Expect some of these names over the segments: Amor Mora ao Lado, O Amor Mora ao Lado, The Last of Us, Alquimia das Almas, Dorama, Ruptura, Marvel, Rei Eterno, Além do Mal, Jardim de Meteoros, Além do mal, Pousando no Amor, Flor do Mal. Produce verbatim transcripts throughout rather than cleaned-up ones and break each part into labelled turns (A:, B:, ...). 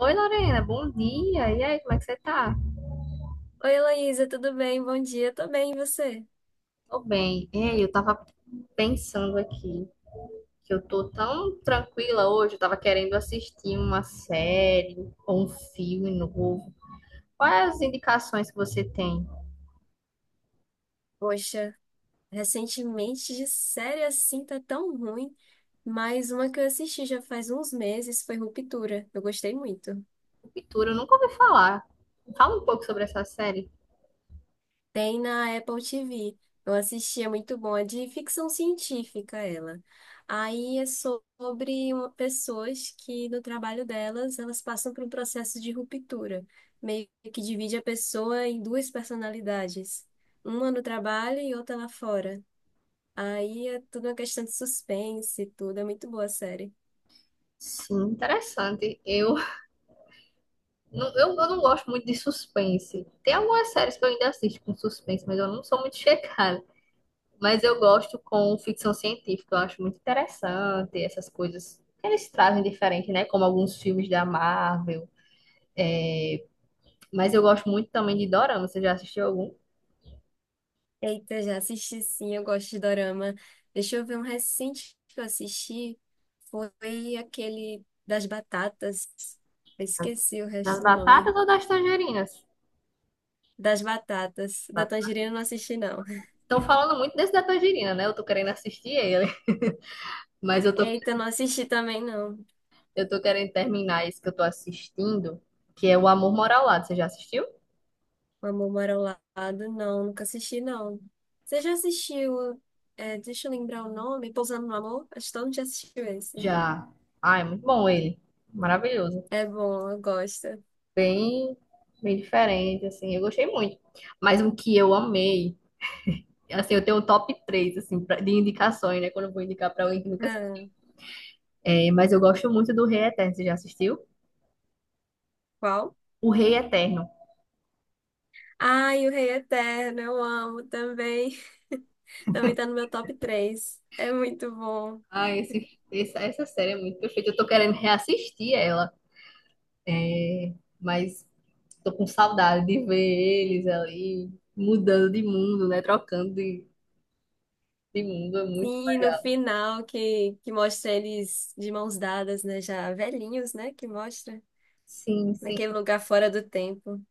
A: Oi, Lorena, bom dia. E aí, como é que você tá?
B: Oi, Heloísa, tudo bem? Bom dia, tô bem, e você?
A: Tô bem. Ei, eu tava pensando aqui que eu tô tão tranquila hoje, eu tava querendo assistir uma série ou um filme novo. Quais as indicações que você tem?
B: Poxa, recentemente de série assim tá tão ruim, mas uma que eu assisti já faz uns meses foi Ruptura. Eu gostei muito.
A: Ruptura, eu nunca ouvi falar. Fala um pouco sobre essa série.
B: Tem na Apple T V. Eu assisti, é muito bom, é de ficção científica ela. Aí é sobre uma- pessoas que no trabalho delas, elas passam por um processo de ruptura, meio que divide a pessoa em duas personalidades. Uma no trabalho e outra lá fora. Aí é tudo uma questão de suspense e tudo. É muito boa a série.
A: Sim, interessante. Eu não, eu, eu não gosto muito de suspense. Tem algumas séries que eu ainda assisto com suspense, mas eu não sou muito chegada. Mas eu gosto com ficção científica, eu acho muito interessante essas coisas que eles trazem diferente, né? Como alguns filmes da Marvel. Mas eu gosto muito também de Dorama. Você já assistiu algum?
B: Eita, já assisti sim, eu gosto de dorama. Deixa eu ver um recente que eu assisti. Foi aquele das batatas. Eu
A: Das
B: esqueci o
A: das
B: resto do nome.
A: batatas ou das tangerinas?
B: Das batatas. Da tangerina eu não assisti, não.
A: Estão falando muito desse da tangerina, né? Eu tô querendo assistir ele. Mas eu tô,
B: Eita, eu não assisti também, não.
A: eu tô querendo terminar esse que eu tô assistindo, que é O Amor Mora ao Lado. Você já assistiu?
B: O Amor Mora ao Lado, não. Nunca assisti, não. Você já assistiu? É, deixa eu lembrar o nome. Pousando no Amor? Acho que todo mundo já assistiu esse.
A: Já. Ah, é muito bom ele. Maravilhoso.
B: É bom, eu gosto.
A: Bem, bem diferente, assim. Eu gostei muito. Mas um que eu amei. Assim, eu tenho o top três assim, pra- de indicações, né? Quando eu vou indicar pra alguém que nunca
B: Ah,
A: assistiu. É, mas eu gosto muito do Rei Eterno. Você já assistiu?
B: qual?
A: O Rei Eterno.
B: Ai, o Rei Eterno, eu amo também. Também tá no meu top três. É muito bom.
A: Ah, esse, essa, essa série é muito perfeita. Eu tô querendo reassistir ela, mas tô com saudade de ver eles ali mudando de mundo, né? Trocando de, de mundo. É muito
B: Sim, e no
A: legal.
B: final que, que mostra eles de mãos dadas, né? Já velhinhos, né? Que mostra
A: Sim, sim.
B: naquele lugar fora do tempo.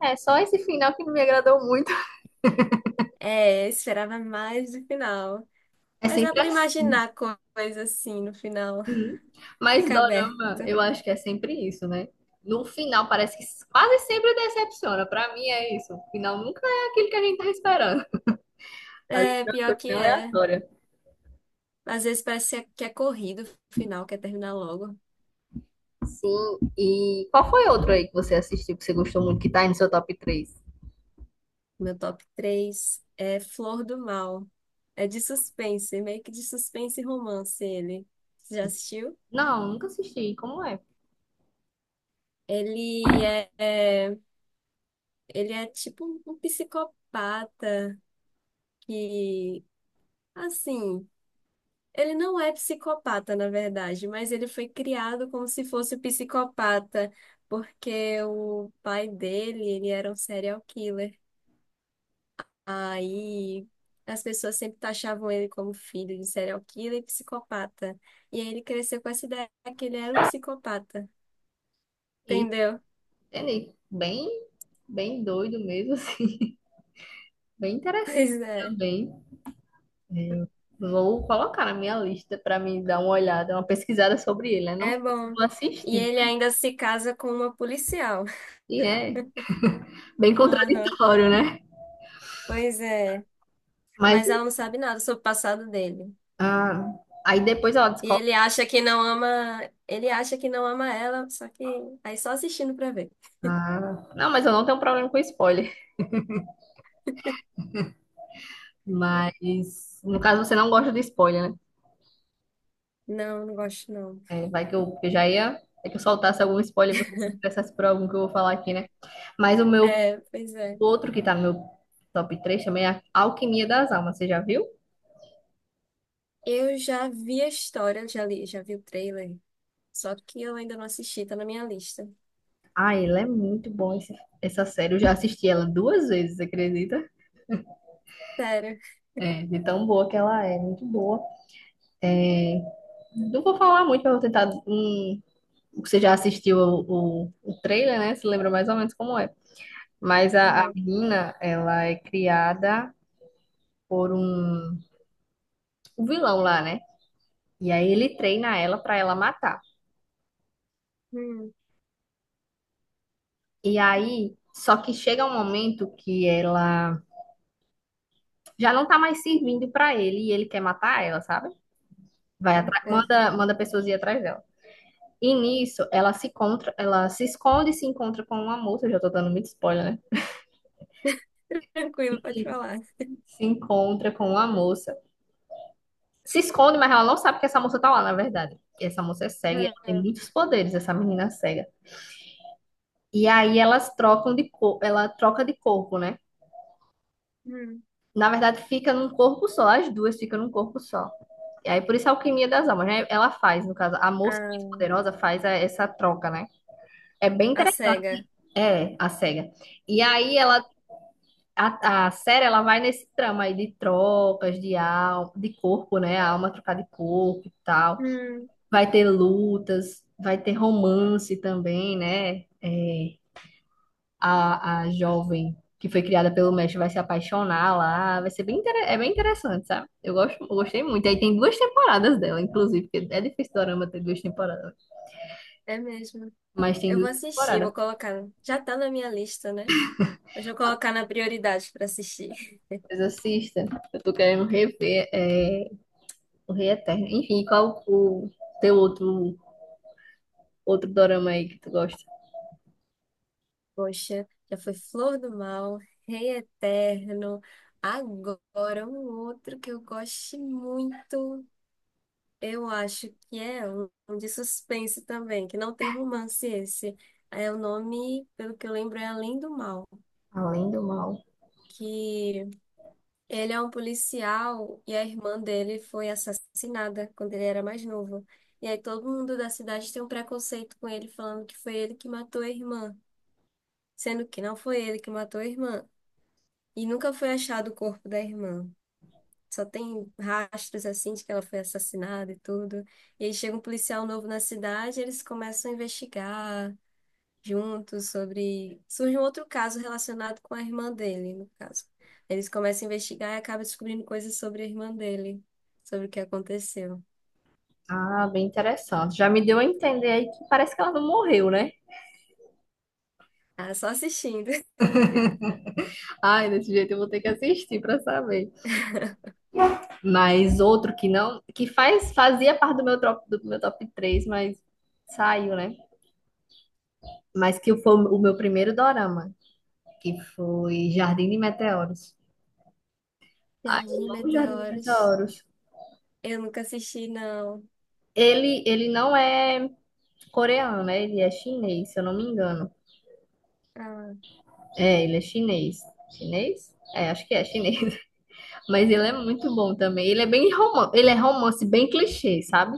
A: É só esse final que não me agradou muito.
B: É, eu esperava mais do final.
A: É
B: Mas dá
A: sempre
B: pra
A: assim.
B: imaginar co- coisa assim no final.
A: Uhum. Mas
B: Fica
A: dorama,
B: aberto.
A: eu acho que é sempre isso, né? No final parece que quase sempre decepciona. Pra mim é isso. O final nunca é aquilo que a gente tá esperando. Às vezes
B: É,
A: é uma
B: pior que
A: coisa
B: é.
A: aleatória.
B: Às vezes parece que é corrido o final, quer terminar logo.
A: Sim. E qual foi outro aí que você assistiu que você gostou muito que tá aí no seu top três?
B: Meu top três é Flor do Mal. É de suspense, é meio que de suspense e romance ele. Você já assistiu?
A: Não, nunca assisti. Como é?
B: Ele é, é- ele é tipo um um psicopata que, assim, ele não é psicopata, na verdade, mas ele foi criado como se fosse psicopata, porque o pai dele, ele era um serial killer. Aí as pessoas sempre taxavam ele como filho de serial killer e psicopata. E aí ele cresceu com essa ideia que ele era um psicopata,
A: E
B: entendeu?
A: entendi. Bem, bem doido mesmo, assim. Bem interessante
B: Pois é,
A: também. É, vou colocar na minha lista pra mim dar uma olhada, uma pesquisada sobre ele, né? Não
B: é
A: sei se
B: bom.
A: vou
B: E
A: assistir.
B: ele ainda se casa com uma policial.
A: E é bem
B: Aham,
A: contraditório, né?
B: pois é.
A: Mas
B: Mas ela não sabe nada sobre o passado dele.
A: ah, aí depois ela
B: E
A: descobre.
B: ele acha que não ama, ele acha que não ama ela, só que aí só assistindo pra ver.
A: Ah, não, mas eu não tenho problema com spoiler. Mas no caso você não gosta de spoiler, né?
B: Não, não gosto não.
A: É, vai que eu, que eu já ia. É que eu soltasse algum spoiler e você se interessasse por algum que eu vou falar aqui, né? Mas o meu
B: É, pois é.
A: o outro que tá no meu top três também é Alquimia das Almas. Você já viu?
B: Eu já vi a história, já li, já vi o trailer, só que eu ainda não assisti, tá na minha lista.
A: Ah, ele é muito bom esse- essa série. Eu já assisti ela duas vezes, você acredita?
B: Sério.
A: É, de tão boa que ela é, muito boa. É, não vou falar muito, eu vou tentar hum, você já assistiu o, o, o trailer, né? Se lembra mais ou menos como é. Mas a, a
B: Aham.
A: menina, ela é criada por um, um vilão lá, né? E aí ele treina ela pra ela matar.
B: Hum,
A: E aí, só que chega um momento que ela já não tá mais servindo pra ele e ele quer matar ela, sabe? Vai atrás,
B: eita.
A: manda, manda pessoas ir atrás dela. E nisso, ela se encontra, ela se esconde e se encontra com uma moça. Eu já tô dando muito spoiler, né?
B: Tranquilo, pode falar.
A: Se encontra com uma moça se esconde, mas ela não sabe que essa moça tá lá, na verdade. E essa moça é cega, e ela tem
B: Hum,
A: muitos poderes, essa menina é cega. E aí elas trocam de cor, ela troca de corpo, né?
B: hum.
A: Na verdade, fica num corpo só, as duas ficam num corpo só. E aí, por isso a alquimia das almas, né? Ela faz, no caso, a moça mais
B: Ah,
A: poderosa faz a- essa troca, né? É bem
B: a cega.
A: interessante. É, a cega. E aí ela, a, a série, ela vai nesse trama aí de trocas, de alma, de corpo, né? A alma trocar de corpo e tal.
B: Hum.
A: Vai ter lutas, vai ter romance também, né? É, a, a jovem que foi criada pelo mestre vai se apaixonar lá. Vai ser bem, inter- é bem interessante, sabe? Eu gosto, eu gostei muito. Aí tem duas temporadas dela, inclusive, porque é difícil Dorama ter duas temporadas.
B: É mesmo.
A: Mas tem
B: Eu
A: duas
B: vou assistir,
A: temporadas.
B: vou colocar. Já tá na minha lista, né? Mas vou colocar na prioridade para assistir.
A: Mas assista. Eu tô querendo rever é, o Rei Eterno. Enfim, qual o teu outro, outro dorama aí que tu gosta?
B: Poxa, já foi Flor do Mal, Rei Eterno. Agora um outro que eu gosto muito. Eu acho que é um um de suspense também, que não tem romance esse. É o nome, pelo que eu lembro, é Além do Mal,
A: Além do mal.
B: que ele é um policial e a irmã dele foi assassinada quando ele era mais novo. E aí todo mundo da cidade tem um preconceito com ele, falando que foi ele que matou a irmã, sendo que não foi ele que matou a irmã. E nunca foi achado o corpo da irmã. Só tem rastros assim de que ela foi assassinada e tudo. E aí chega um policial novo na cidade, eles começam a investigar juntos sobre. Surge um outro caso relacionado com a irmã dele, no caso. Eles começam a investigar e acabam descobrindo coisas sobre a irmã dele, sobre o que aconteceu.
A: Ah, bem interessante. Já me deu a entender aí que parece que ela não morreu, né?
B: Ah, só assistindo.
A: Ai, desse jeito eu vou ter que assistir pra saber. Mas outro que não, que faz, fazia parte do meu top, do meu top três mas saiu, né? Mas que foi o meu primeiro dorama, que foi Jardim de Meteoros. Ai,
B: Jardim de
A: eu amo Jardim de
B: Meteoros.
A: Meteoros.
B: Eu nunca assisti, não.
A: Ele, ele não é coreano, né? Ele é chinês, se eu não me engano.
B: Ah,
A: É, ele é chinês. Chinês? É, acho que é chinês. Mas ele é muito bom também. Ele é bem romance, ele é romance bem clichê, sabe?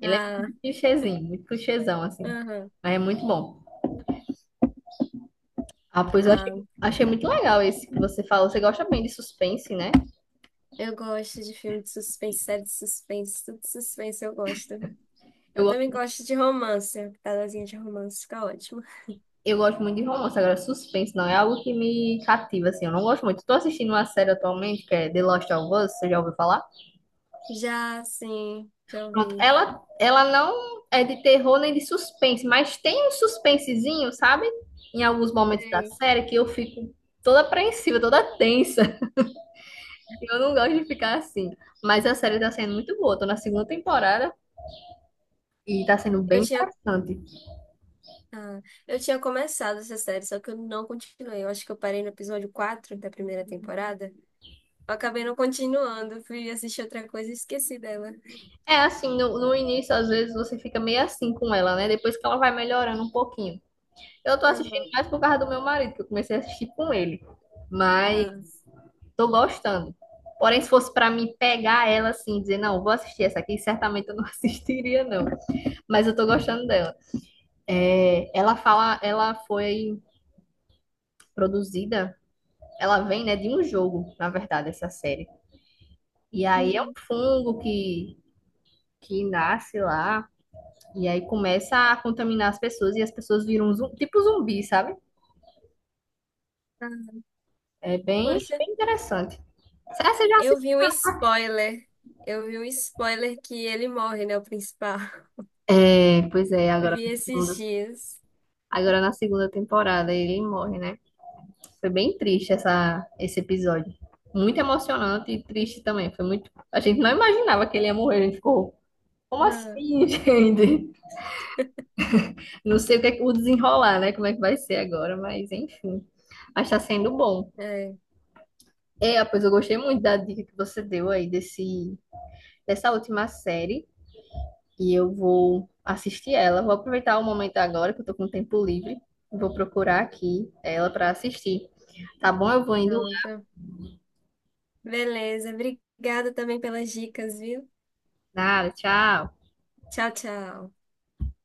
A: Ele é
B: ah,
A: muito clichêzinho, muito clichêzão, assim.
B: aham,
A: Mas é muito bom. Ah, pois eu achei,
B: ah.
A: achei muito legal esse que você falou. Você gosta bem de suspense, né?
B: Eu gosto de filme de suspense, série de suspense, tudo de suspense eu gosto.
A: Eu
B: Eu
A: gosto,
B: também gosto de romance, pedazinho de romance fica ótimo.
A: eu gosto muito de romance. Agora, suspense não é algo que me cativa, assim. Eu não gosto muito. Tô assistindo uma série atualmente que é The Last of Us, você já ouviu falar?
B: Já, sim, já
A: Pronto.
B: ouvi.
A: Ela, ela não é de terror nem de suspense, mas tem um suspensezinho, sabe? Em alguns momentos da
B: Sei.
A: série que eu fico toda apreensiva, toda tensa. Eu não gosto de ficar assim. Mas a série tá sendo muito boa. Tô na segunda temporada e tá sendo
B: Eu
A: bem
B: tinha
A: interessante.
B: Ah, eu tinha começado essa série, só que eu não continuei. Eu acho que eu parei no episódio quatro da primeira temporada. Eu acabei não continuando, fui assistir outra coisa e esqueci dela.
A: É assim, no, no início, às vezes, você fica meio assim com ela, né? Depois que ela vai melhorando um pouquinho. Eu tô
B: Não,
A: assistindo
B: não,
A: mais por causa do meu marido, que eu comecei a assistir com ele. Mas
B: não.
A: tô gostando. Porém, se fosse pra mim pegar ela assim, dizer, não, vou assistir essa aqui, certamente eu não assistiria, não. Mas eu tô gostando dela. É, ela fala, ela foi produzida, ela vem, né, de um jogo, na verdade, essa série. E aí é um
B: Hum,
A: fungo que, que nasce lá, e aí começa a contaminar as pessoas, e as pessoas viram um zum- tipo zumbi, sabe?
B: ah,
A: É bem,
B: poxa,
A: bem interessante. Será que você já
B: eu
A: assistiu?
B: vi um spoiler. Eu vi um spoiler que ele morre, né? O principal.
A: É, pois é, agora
B: Vi
A: na
B: esses
A: segunda,
B: dias.
A: agora na segunda temporada ele morre, né? Foi bem triste essa, esse episódio. Muito emocionante e triste também. Foi muito. A gente não imaginava que ele ia morrer. A gente ficou, como
B: Ah,
A: assim, gente? Não sei o que é que- o desenrolar, né? Como é que vai ser agora, mas enfim. Mas tá sendo bom.
B: é,
A: É, pois eu gostei muito da dica que você deu aí desse, dessa última série. E eu vou assistir ela. Vou aproveitar o momento agora que eu tô com tempo livre. Vou procurar aqui ela pra assistir. Tá bom? Eu vou indo.
B: pronto. Beleza, obrigada também pelas dicas, viu?
A: Nada, tchau.
B: Tchau, tchau.